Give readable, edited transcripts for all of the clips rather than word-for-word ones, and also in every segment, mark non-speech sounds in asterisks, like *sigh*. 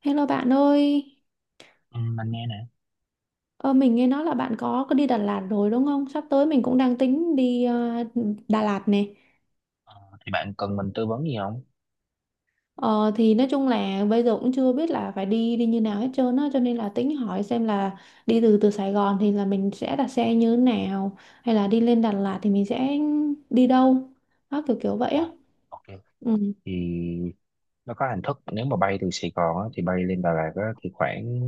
Hello bạn ơi, Ừ, mình nghe nè. ờ, mình nghe nói là bạn có đi Đà Lạt rồi đúng không? Sắp tới mình cũng đang tính đi Đà Lạt nè. Ờ, thì bạn cần mình tư vấn gì không? Ờ, thì nói chung là bây giờ cũng chưa biết là phải đi đi như nào hết trơn á, cho nên là tính hỏi xem là đi từ từ Sài Gòn thì là mình sẽ đặt xe như thế nào, hay là đi lên Đà Lạt thì mình sẽ đi đâu, đó kiểu kiểu vậy á. Ồ, ok. Ừ. Thì nó có hình thức, nếu mà bay từ Sài Gòn á, thì bay lên Đà Lạt á, thì khoảng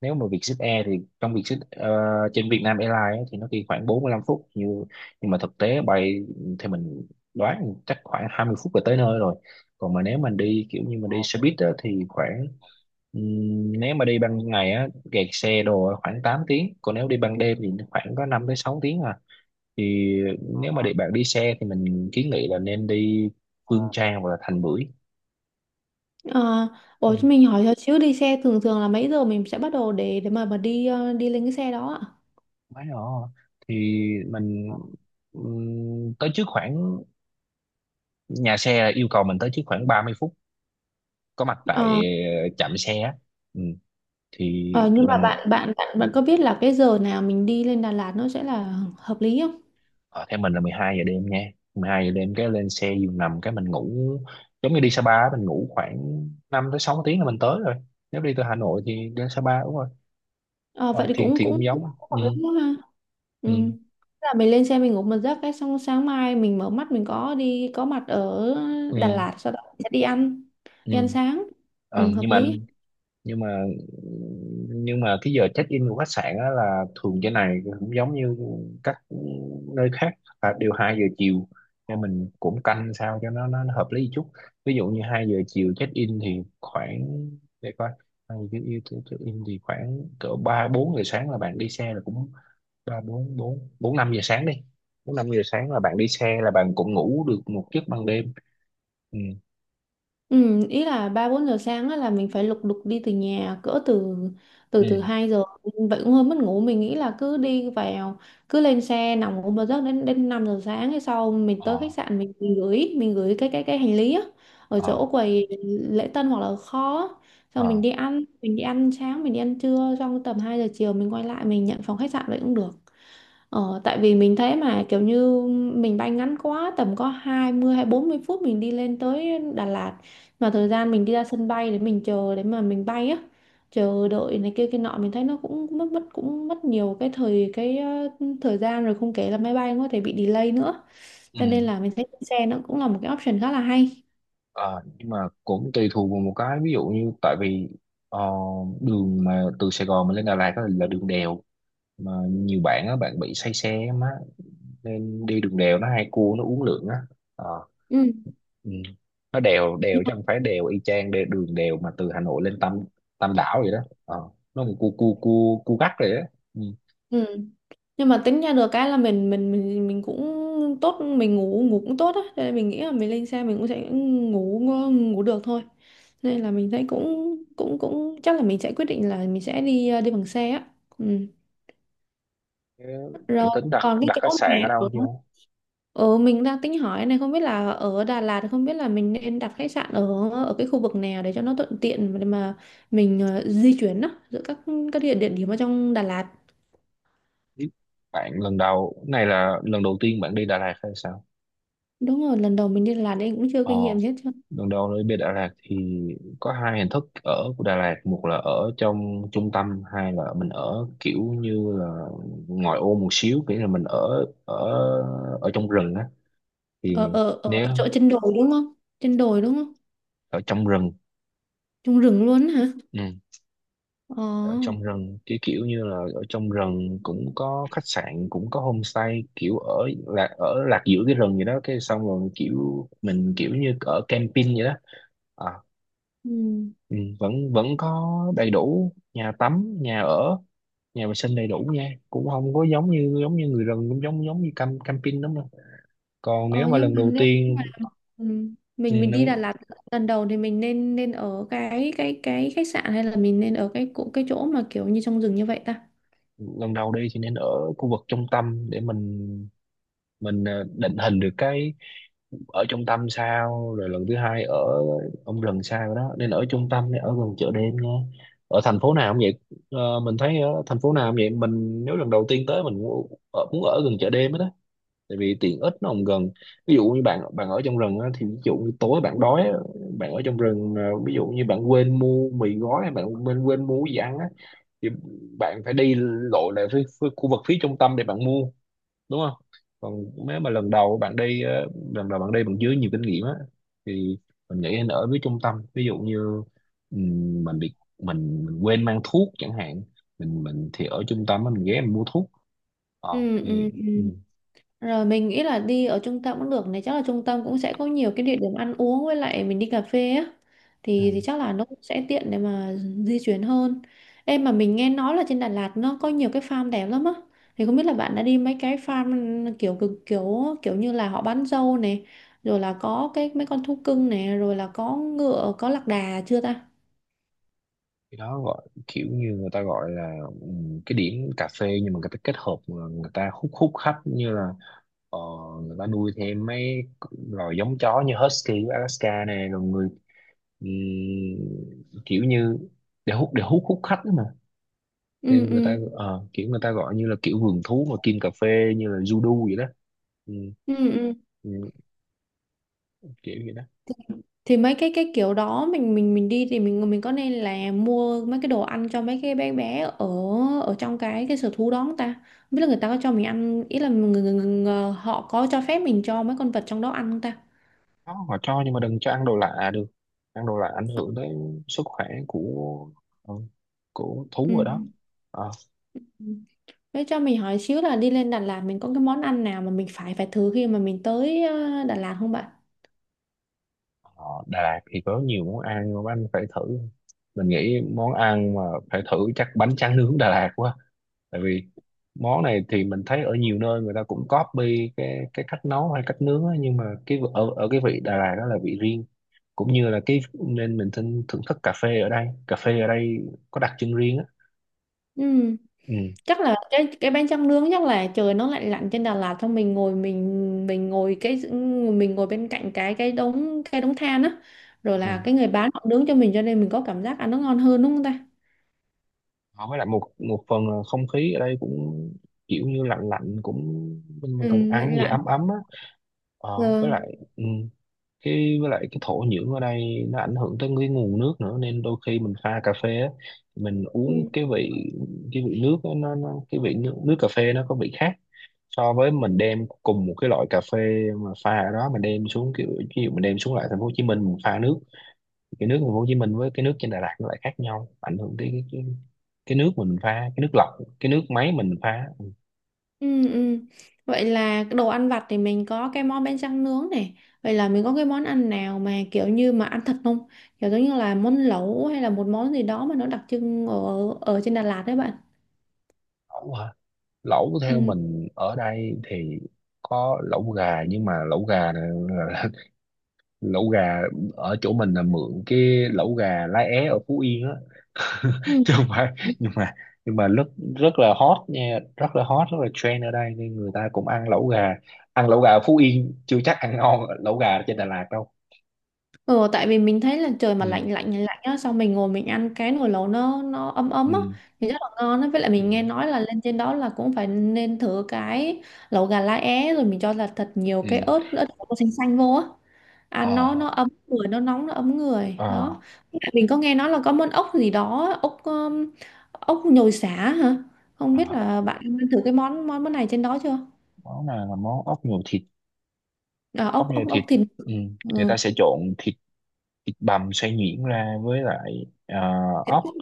nếu mà Vietjet Air thì trong Vietjet trên Việt Nam Airlines á, thì nó đi khoảng 45 phút. Như nhưng mà thực tế bay thì mình đoán chắc khoảng 20 phút là tới nơi rồi. Còn mà nếu mình đi kiểu như mình đi xe buýt á, thì khoảng nếu mà đi ban ngày á kẹt xe đồ á, khoảng 8 tiếng, còn nếu đi ban đêm thì khoảng có 5 tới 6 tiếng à. Thì nếu mà để bạn đi xe thì mình kiến nghị là nên đi Phương Trang hoặc là Thành Bưởi. Ờ, Ừ, ủa cho mình hỏi cho xíu đi xe thường thường là mấy giờ mình sẽ bắt đầu để mà đi đi lên cái xe đó ạ? quá rõ. Thì mình tới trước khoảng, nhà xe là yêu cầu mình tới trước khoảng 30 phút có mặt tại Ờ. Trạm xe á. Ừ. Thì Ờ, nhưng mà mình bạn bạn bạn bạn có biết là cái giờ nào mình đi lên Đà Lạt nó sẽ là hợp lý không? ờ, theo mình là 12 giờ đêm nha, 12 giờ đêm cái lên xe giường nằm cái mình ngủ, giống như đi Sapa á, mình ngủ khoảng 5 tới 6 tiếng là mình tới rồi. Nếu đi từ Hà Nội thì đến Sapa đúng rồi. Ờ, vậy Ờ, thì thì cũng thì cũng cũng cũng giống hợp lý quá ha. Ừ. ừ, Là mình lên xe mình ngủ một giấc cái xong sáng mai mình mở mắt mình có đi có mặt ở Đà ừ, Lạt, sau đó mình sẽ ừ. đi ăn sáng. Ừ, Ờ, hợp nhưng mà lý. nhưng mà nhưng mà cái giờ check in của khách sạn á là thường trên này cũng giống như các nơi khác, là đều 2 giờ chiều, nên mình cũng canh sao cho nó hợp lý chút. Ví dụ như 2 giờ chiều check in thì khoảng, để coi, hai giờ chiều check in thì khoảng cỡ ba bốn giờ sáng là bạn đi xe là cũng, ba bốn bốn bốn năm giờ sáng đi, bốn năm giờ sáng là bạn đi xe là bạn cũng ngủ được một giấc ban đêm. Ừ, Ừ, ý là ba bốn giờ sáng á, là mình phải lục đục đi từ nhà cỡ từ từ từ ừ, 2 giờ, vậy cũng hơi mất ngủ. Mình nghĩ là cứ đi vào, cứ lên xe nằm ngủ một giấc đến đến 5 giờ sáng hay sau mình ờ, tới khách sạn, mình gửi cái hành lý á, ở ờ, chỗ quầy lễ tân hoặc là kho á. ờ, Xong mình đi ăn, mình đi ăn sáng, mình đi ăn trưa xong tầm 2 giờ chiều mình quay lại mình nhận phòng khách sạn vậy cũng được. Ờ, tại vì mình thấy mà kiểu như mình bay ngắn quá, tầm có 20 hay 40 phút mình đi lên tới Đà Lạt, mà thời gian mình đi ra sân bay để mình chờ để mà mình bay á, chờ đợi này kia kia nọ mình thấy nó cũng mất mất cũng mất nhiều cái thời gian rồi, không kể là máy bay cũng có thể bị delay nữa, ừ. cho nên là mình thấy xe nó cũng là một cái option khá là hay. Ờ, nhưng mà cũng tùy thuộc vào một cái, ví dụ như tại vì ờ, đường mà từ Sài Gòn mà lên Đà Lạt á là đường đèo, mà nhiều bạn á bạn bị say xe á má, nên đi đường đèo nó hay cua nó uống lượng á. Ờ, Ừ. ừ. Nó đèo đèo Nhưng mà chứ không phải đèo y chang đường đèo mà từ Hà Nội lên Tam Tam Đảo vậy đó. Ờ, nó một cua cua cua cua gắt rồi á. Ừ. ừ. Nhưng mà tính ra được cái là mình cũng tốt, mình ngủ ngủ cũng tốt á, cho nên mình nghĩ là mình lên xe mình cũng sẽ ngủ ngủ được thôi, nên là mình thấy cũng cũng cũng chắc là mình sẽ quyết định là mình sẽ đi đi bằng xe á. Ừ. Thế bạn Rồi, tính đặt còn cái đặt khách chỗ mà sạn ở đâu ở chưa? ở mình đang tính hỏi này, không biết là ở Đà Lạt không biết là mình nên đặt khách sạn ở ở cái khu vực nào để cho nó thuận tiện để mà mình di chuyển đó giữa các địa địa điểm ở trong Đà Lạt. Biết bạn lần đầu này là lần đầu tiên bạn đi Đà Lạt hay sao? Đúng rồi, lần đầu mình đi Đà Lạt nên cũng chưa Ờ kinh nghiệm hết. Đường đo nơi bên Đà Lạt thì có hai hình thức ở của Đà Lạt: một là ở trong trung tâm, hai là mình ở kiểu như là ngoài ô một xíu, nghĩa là mình ở ở ở trong rừng á. Thì Ở ở ở nếu chỗ trên đồi đúng không, trên đồi đúng không? ở trong rừng, Trong rừng luôn á hả? ừ, Ờ. ở trong rừng cái kiểu như là ở trong rừng cũng có khách sạn cũng có homestay, kiểu ở lạc giữa cái rừng vậy đó, cái xong rồi kiểu mình kiểu như ở camping vậy đó. À, Ừ. ừ, vẫn vẫn có đầy đủ nhà tắm, nhà ở, nhà vệ sinh đầy đủ nha, cũng không có giống như người rừng, cũng giống giống như camping lắm đâu. Còn nếu Ờ mà nhưng lần mà đầu nếu mà tiên, ừ, ừ, mình đi Đà Lạt lần đầu thì mình nên nên ở cái khách sạn hay là mình nên ở cái chỗ mà kiểu như trong rừng như vậy ta? lần đầu đi thì nên ở khu vực trung tâm để mình định hình được cái ở trung tâm sao, rồi lần thứ hai ở ông rừng sao đó. Nên ở trung tâm, nên ở gần chợ đêm nha, ở thành phố nào cũng vậy. Mình thấy ở thành phố nào cũng vậy, mình nếu lần đầu tiên tới mình muốn muốn ở gần chợ đêm hết đó, tại vì tiện ích nó không gần. Ví dụ như bạn bạn ở trong rừng á, thì ví dụ như tối bạn đói á, bạn ở trong rừng à, ví dụ như bạn quên mua mì gói hay bạn quên quên mua cái gì ăn á, thì bạn phải đi lội lại phía, khu vực phía trung tâm để bạn mua, đúng không? Còn nếu mà lần đầu bạn đi á, lần đầu bạn đi bằng dưới nhiều kinh nghiệm á, thì mình nghĩ nên ở phía trung tâm. Ví dụ như mình quên mang thuốc chẳng hạn, mình thì ở trung tâm á, mình ghé mình mua thuốc. ờ Ừ, thì ừ, ừ. Rồi, mình nghĩ là đi ở trung tâm cũng được này, chắc là trung tâm cũng sẽ có nhiều cái địa điểm ăn uống với lại mình đi cà phê á, ừ. Thì chắc là nó cũng sẽ tiện để mà di chuyển hơn. Em mà mình nghe nói là trên Đà Lạt nó có nhiều cái farm đẹp lắm á. Thì không biết là bạn đã đi mấy cái farm kiểu cực- kiểu kiểu như là họ bán dâu này, rồi là có cái mấy con thú cưng này, rồi là có ngựa, có lạc đà chưa ta? Cái đó gọi kiểu như người ta gọi là cái điểm cà phê nhưng mà người ta kết hợp mà người ta hút hút khách, như là ờ, người ta nuôi thêm mấy loài giống chó như Husky của Alaska này, rồi người kiểu như để hút hút khách đó mà. Ừ, Nên người ừ. ta kiểu người ta gọi như là kiểu vườn thú mà kim cà phê, như là Judo vậy đó. Ừ, Ừ, ừ. ừ, kiểu vậy đó. thì thì mấy cái kiểu đó mình đi thì mình có nên là mua mấy cái đồ ăn cho mấy cái bé bé ở ở trong cái sở thú đó không ta, không biết là người ta có cho mình ăn, ý là người họ có cho phép mình cho mấy con vật trong đó ăn không ta? Đó, họ cho nhưng mà đừng cho ăn đồ lạ được, ăn đồ lạ ảnh hưởng tới sức khỏe ừ, của Ừ. thú ở đó. Ờ, Ừ. Thế cho mình hỏi xíu là đi lên Đà Lạt mình có cái món ăn nào mà mình phải phải thử khi mà mình tới Đà Lạt không bạn? Đà Lạt thì có nhiều món ăn mà anh phải thử, mình nghĩ món ăn mà phải thử chắc bánh tráng nướng Đà Lạt quá, tại vì món này thì mình thấy ở nhiều nơi người ta cũng copy cái cách nấu hay cách nướng á, nhưng mà ở ở cái vị Đà Lạt đó là vị riêng, cũng như là cái nên mình thưởng thức cà phê ở đây có đặc trưng riêng á. Ừ, Ừ. chắc là cái bánh tráng nướng, chắc là trời nó lạnh lạnh trên Đà Lạt xong mình ngồi bên cạnh cái đống than á, rồi Ừ. là cái người bán họ nướng cho mình cho nên mình có cảm giác ăn nó ngon hơn đúng không ta? Với lại một một phần là không khí ở đây cũng kiểu như lạnh lạnh, cũng mình Ừ, cần lạnh ăn gì lạnh. ấm ấm á. ờ, Ờ, với lại cái với lại cái thổ nhưỡng ở đây nó ảnh hưởng tới cái nguồn nước nữa, nên đôi khi mình pha cà phê á, mình uống ừ, cái vị nước á, nó cái vị nước cà phê nó có vị khác so với mình đem cùng một cái loại cà phê mà pha ở đó mình đem xuống kiểu, ví dụ mình đem xuống lại thành phố Hồ Chí Minh mình pha nước, cái nước thành phố Hồ Chí Minh với cái nước trên Đà Lạt nó lại khác nhau, ảnh hưởng tới cái nước mình pha, cái nước lọc, cái nước máy mình pha. ừ, ừ. Vậy là cái đồ ăn vặt thì mình có cái món bánh tráng nướng này, vậy là mình có cái món ăn nào mà kiểu như mà ăn thật không, kiểu giống như là món lẩu hay là một món gì đó mà nó đặc trưng ở ở trên Đà Lạt đấy bạn? Lẩu hả? Lẩu theo Ừ. mình ở đây thì có lẩu gà, nhưng mà lẩu gà là- *laughs* lẩu gà ở chỗ mình là mượn cái lẩu gà lá é ở Phú Yên á, *laughs* Ừ. chứ không phải. Nhưng mà nhưng mà rất rất là hot nha, rất là hot, rất là trend ở đây, nên người ta cũng ăn lẩu gà. Ăn lẩu gà ở Phú Yên chưa chắc ăn ngon lẩu gà trên Đà Lạt đâu. Ừ, tại vì mình thấy là trời mà Ừ, lạnh lạnh lạnh á, xong mình ngồi mình ăn cái nồi lẩu nó ấm ấm ừ, á thì rất là ngon á, với lại ừ, mình nghe nói là lên trên đó là cũng phải nên thử cái lẩu gà lá é rồi mình cho là thật nhiều cái ừ, ớt ớt bột xanh xanh vô á, ăn ờ. Nó ấm người, nó nóng nó ấm người đó. À, Với lại mình có nghe nói là có món ốc gì đó, ốc ốc nhồi sả hả, không biết à, là bạn ăn thử cái món món món này trên đó chưa? món này là món ốc nhồi thịt. À, Ốc ốc nhồi ốc thịt. ốc thịt? Ừ. Người Ừ, ta sẽ trộn thịt thịt bằm xay nhuyễn ra, với lại thịt ốc, ốc,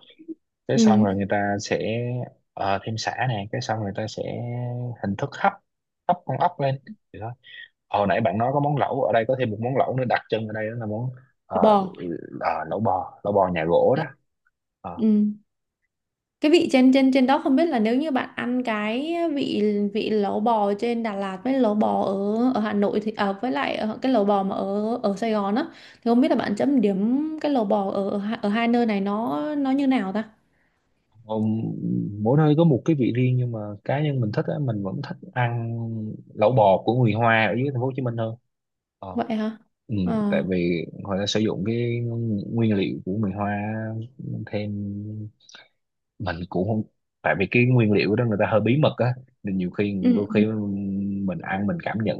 cái ừ, xong rồi người ta sẽ thêm sả nè, cái xong người ta sẽ hình thức hấp, hấp con ốc lên. Thì đó, hồi nãy bạn nói có món lẩu, ở đây có thêm một món lẩu nữa đặc trưng ở đây, đó là món ờ, bò. Lẩu bò nhà gỗ đó. Ờ, Ừ. Cái vị trên trên trên đó không biết là nếu như bạn ăn cái vị vị lẩu bò trên Đà Lạt với lẩu bò ở ở Hà Nội thì, à, với lại ở cái lẩu bò mà ở ở Sài Gòn á thì không biết là bạn chấm điểm cái lẩu bò ở ở hai nơi này nó như nào ta? ông- Mỗi nơi có một cái vị riêng, nhưng mà cá nhân mình thích á, mình vẫn thích ăn lẩu bò của người Hoa ở dưới thành phố Hồ Chí Minh hơn. Ờ, Vậy hả? ừ, Ờ. Tại vì họ đã sử dụng cái nguyên liệu của người Hoa, thêm mình cũng không, tại vì cái nguyên liệu đó người ta hơi bí mật á, nên nhiều khi Ừ đôi ừ khi mình ăn mình cảm nhận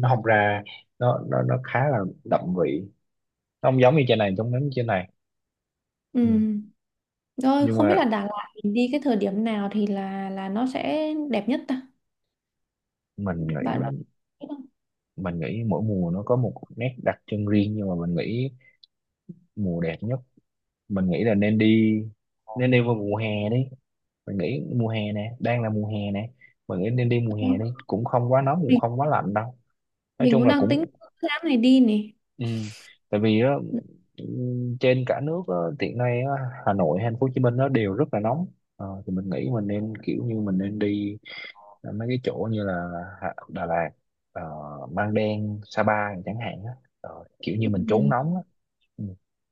nó không ra, nó khá là đậm vị, nó không giống như trên này, giống giống như trên này. ừ. Ừ. Rồi Nhưng không biết mà là Đà Lạt mình đi cái thời điểm nào thì là nó sẽ đẹp nhất ta, mình bạn bạn nghĩ biết mình nghĩ mỗi mùa nó có một nét đặc trưng riêng, nhưng mà mình nghĩ mùa đẹp nhất, mình nghĩ là nên đi vào mùa hè đi. Mình nghĩ mùa hè nè, đang là mùa hè nè, mình nghĩ nên đi mùa hè không? đi, cũng không quá nóng cũng mình không quá lạnh đâu. Nói mình chung cũng là đang tính cũng, tháng này đi nè. ừ. Tại vì á, ừ, trên cả nước á, hiện nay á, Hà Nội hay Thành phố Hồ Chí Minh nó đều rất là nóng. Thì mình nghĩ mình nên kiểu như mình nên đi mấy cái chỗ như là Đà Lạt, ờ, Măng Đen, Sa Pa chẳng hạn á. Kiểu như mình trốn Ừ. nóng á. Ừ.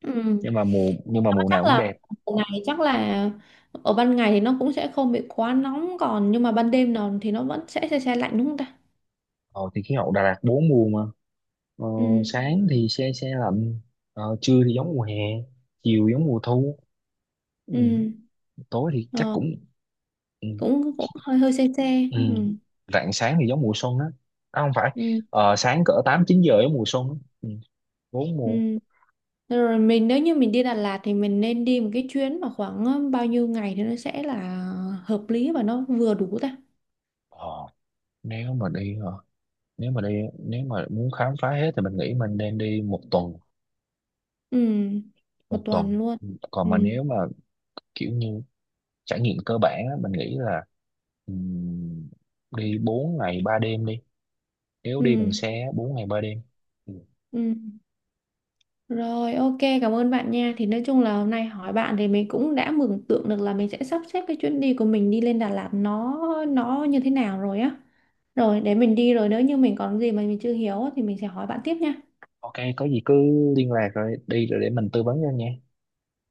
Ừ. Nhưng mà mùa nào Chắc cũng là đẹp. ban ngày, chắc là ở ban ngày thì nó cũng sẽ không bị quá nóng, còn nhưng mà ban đêm nào thì nó vẫn sẽ se se lạnh đúng không ta? Ờ, thì khí hậu Đà Lạt bốn mùa mà. ờ, Ừ. Sáng thì se se lạnh, trưa thì giống mùa hè, chiều giống mùa thu, ừ, Ừ. tối thì chắc Ờ, cũng, ừ, cũng cũng hơi hơi se se. ừ. Ừ. Rạng sáng thì giống mùa xuân á. À, không phải, Ừ. Sáng cỡ 8 9 giờ giống mùa xuân á. ừ, Bốn Ừ. mùa. Rồi mình nếu như mình đi Đà Lạt thì mình nên đi một cái chuyến mà khoảng bao nhiêu ngày thì nó sẽ là hợp lý và nó vừa đủ ta? ờ, Nếu mà đi hả? nếu mà đi nếu mà muốn khám phá hết thì mình nghĩ mình nên đi một tuần. Ừ. Một Một tuần tuần. luôn? Còn Ừ. mà nếu mà kiểu như trải nghiệm cơ bản á, mình nghĩ là ừm, đi 4 ngày 3 đêm đi, nếu đi Ừ. bằng xe á, 4 ngày 3 đêm. Ừ. Ừ. Rồi, ok, cảm ơn bạn nha. Thì nói chung là hôm nay hỏi bạn thì mình cũng đã mường tượng được là mình sẽ sắp xếp cái chuyến đi của mình đi lên Đà Lạt nó như thế nào rồi á. Rồi, để mình đi rồi nếu như mình còn gì mà mình chưa hiểu á thì mình sẽ hỏi bạn tiếp nha. Ok, có gì cứ liên lạc, rồi đi rồi để mình tư vấn cho nha.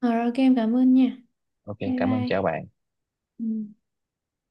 Rồi, ok, em cảm ơn nha. Ok Bye cảm ơn, bye. chào bạn. Ừ.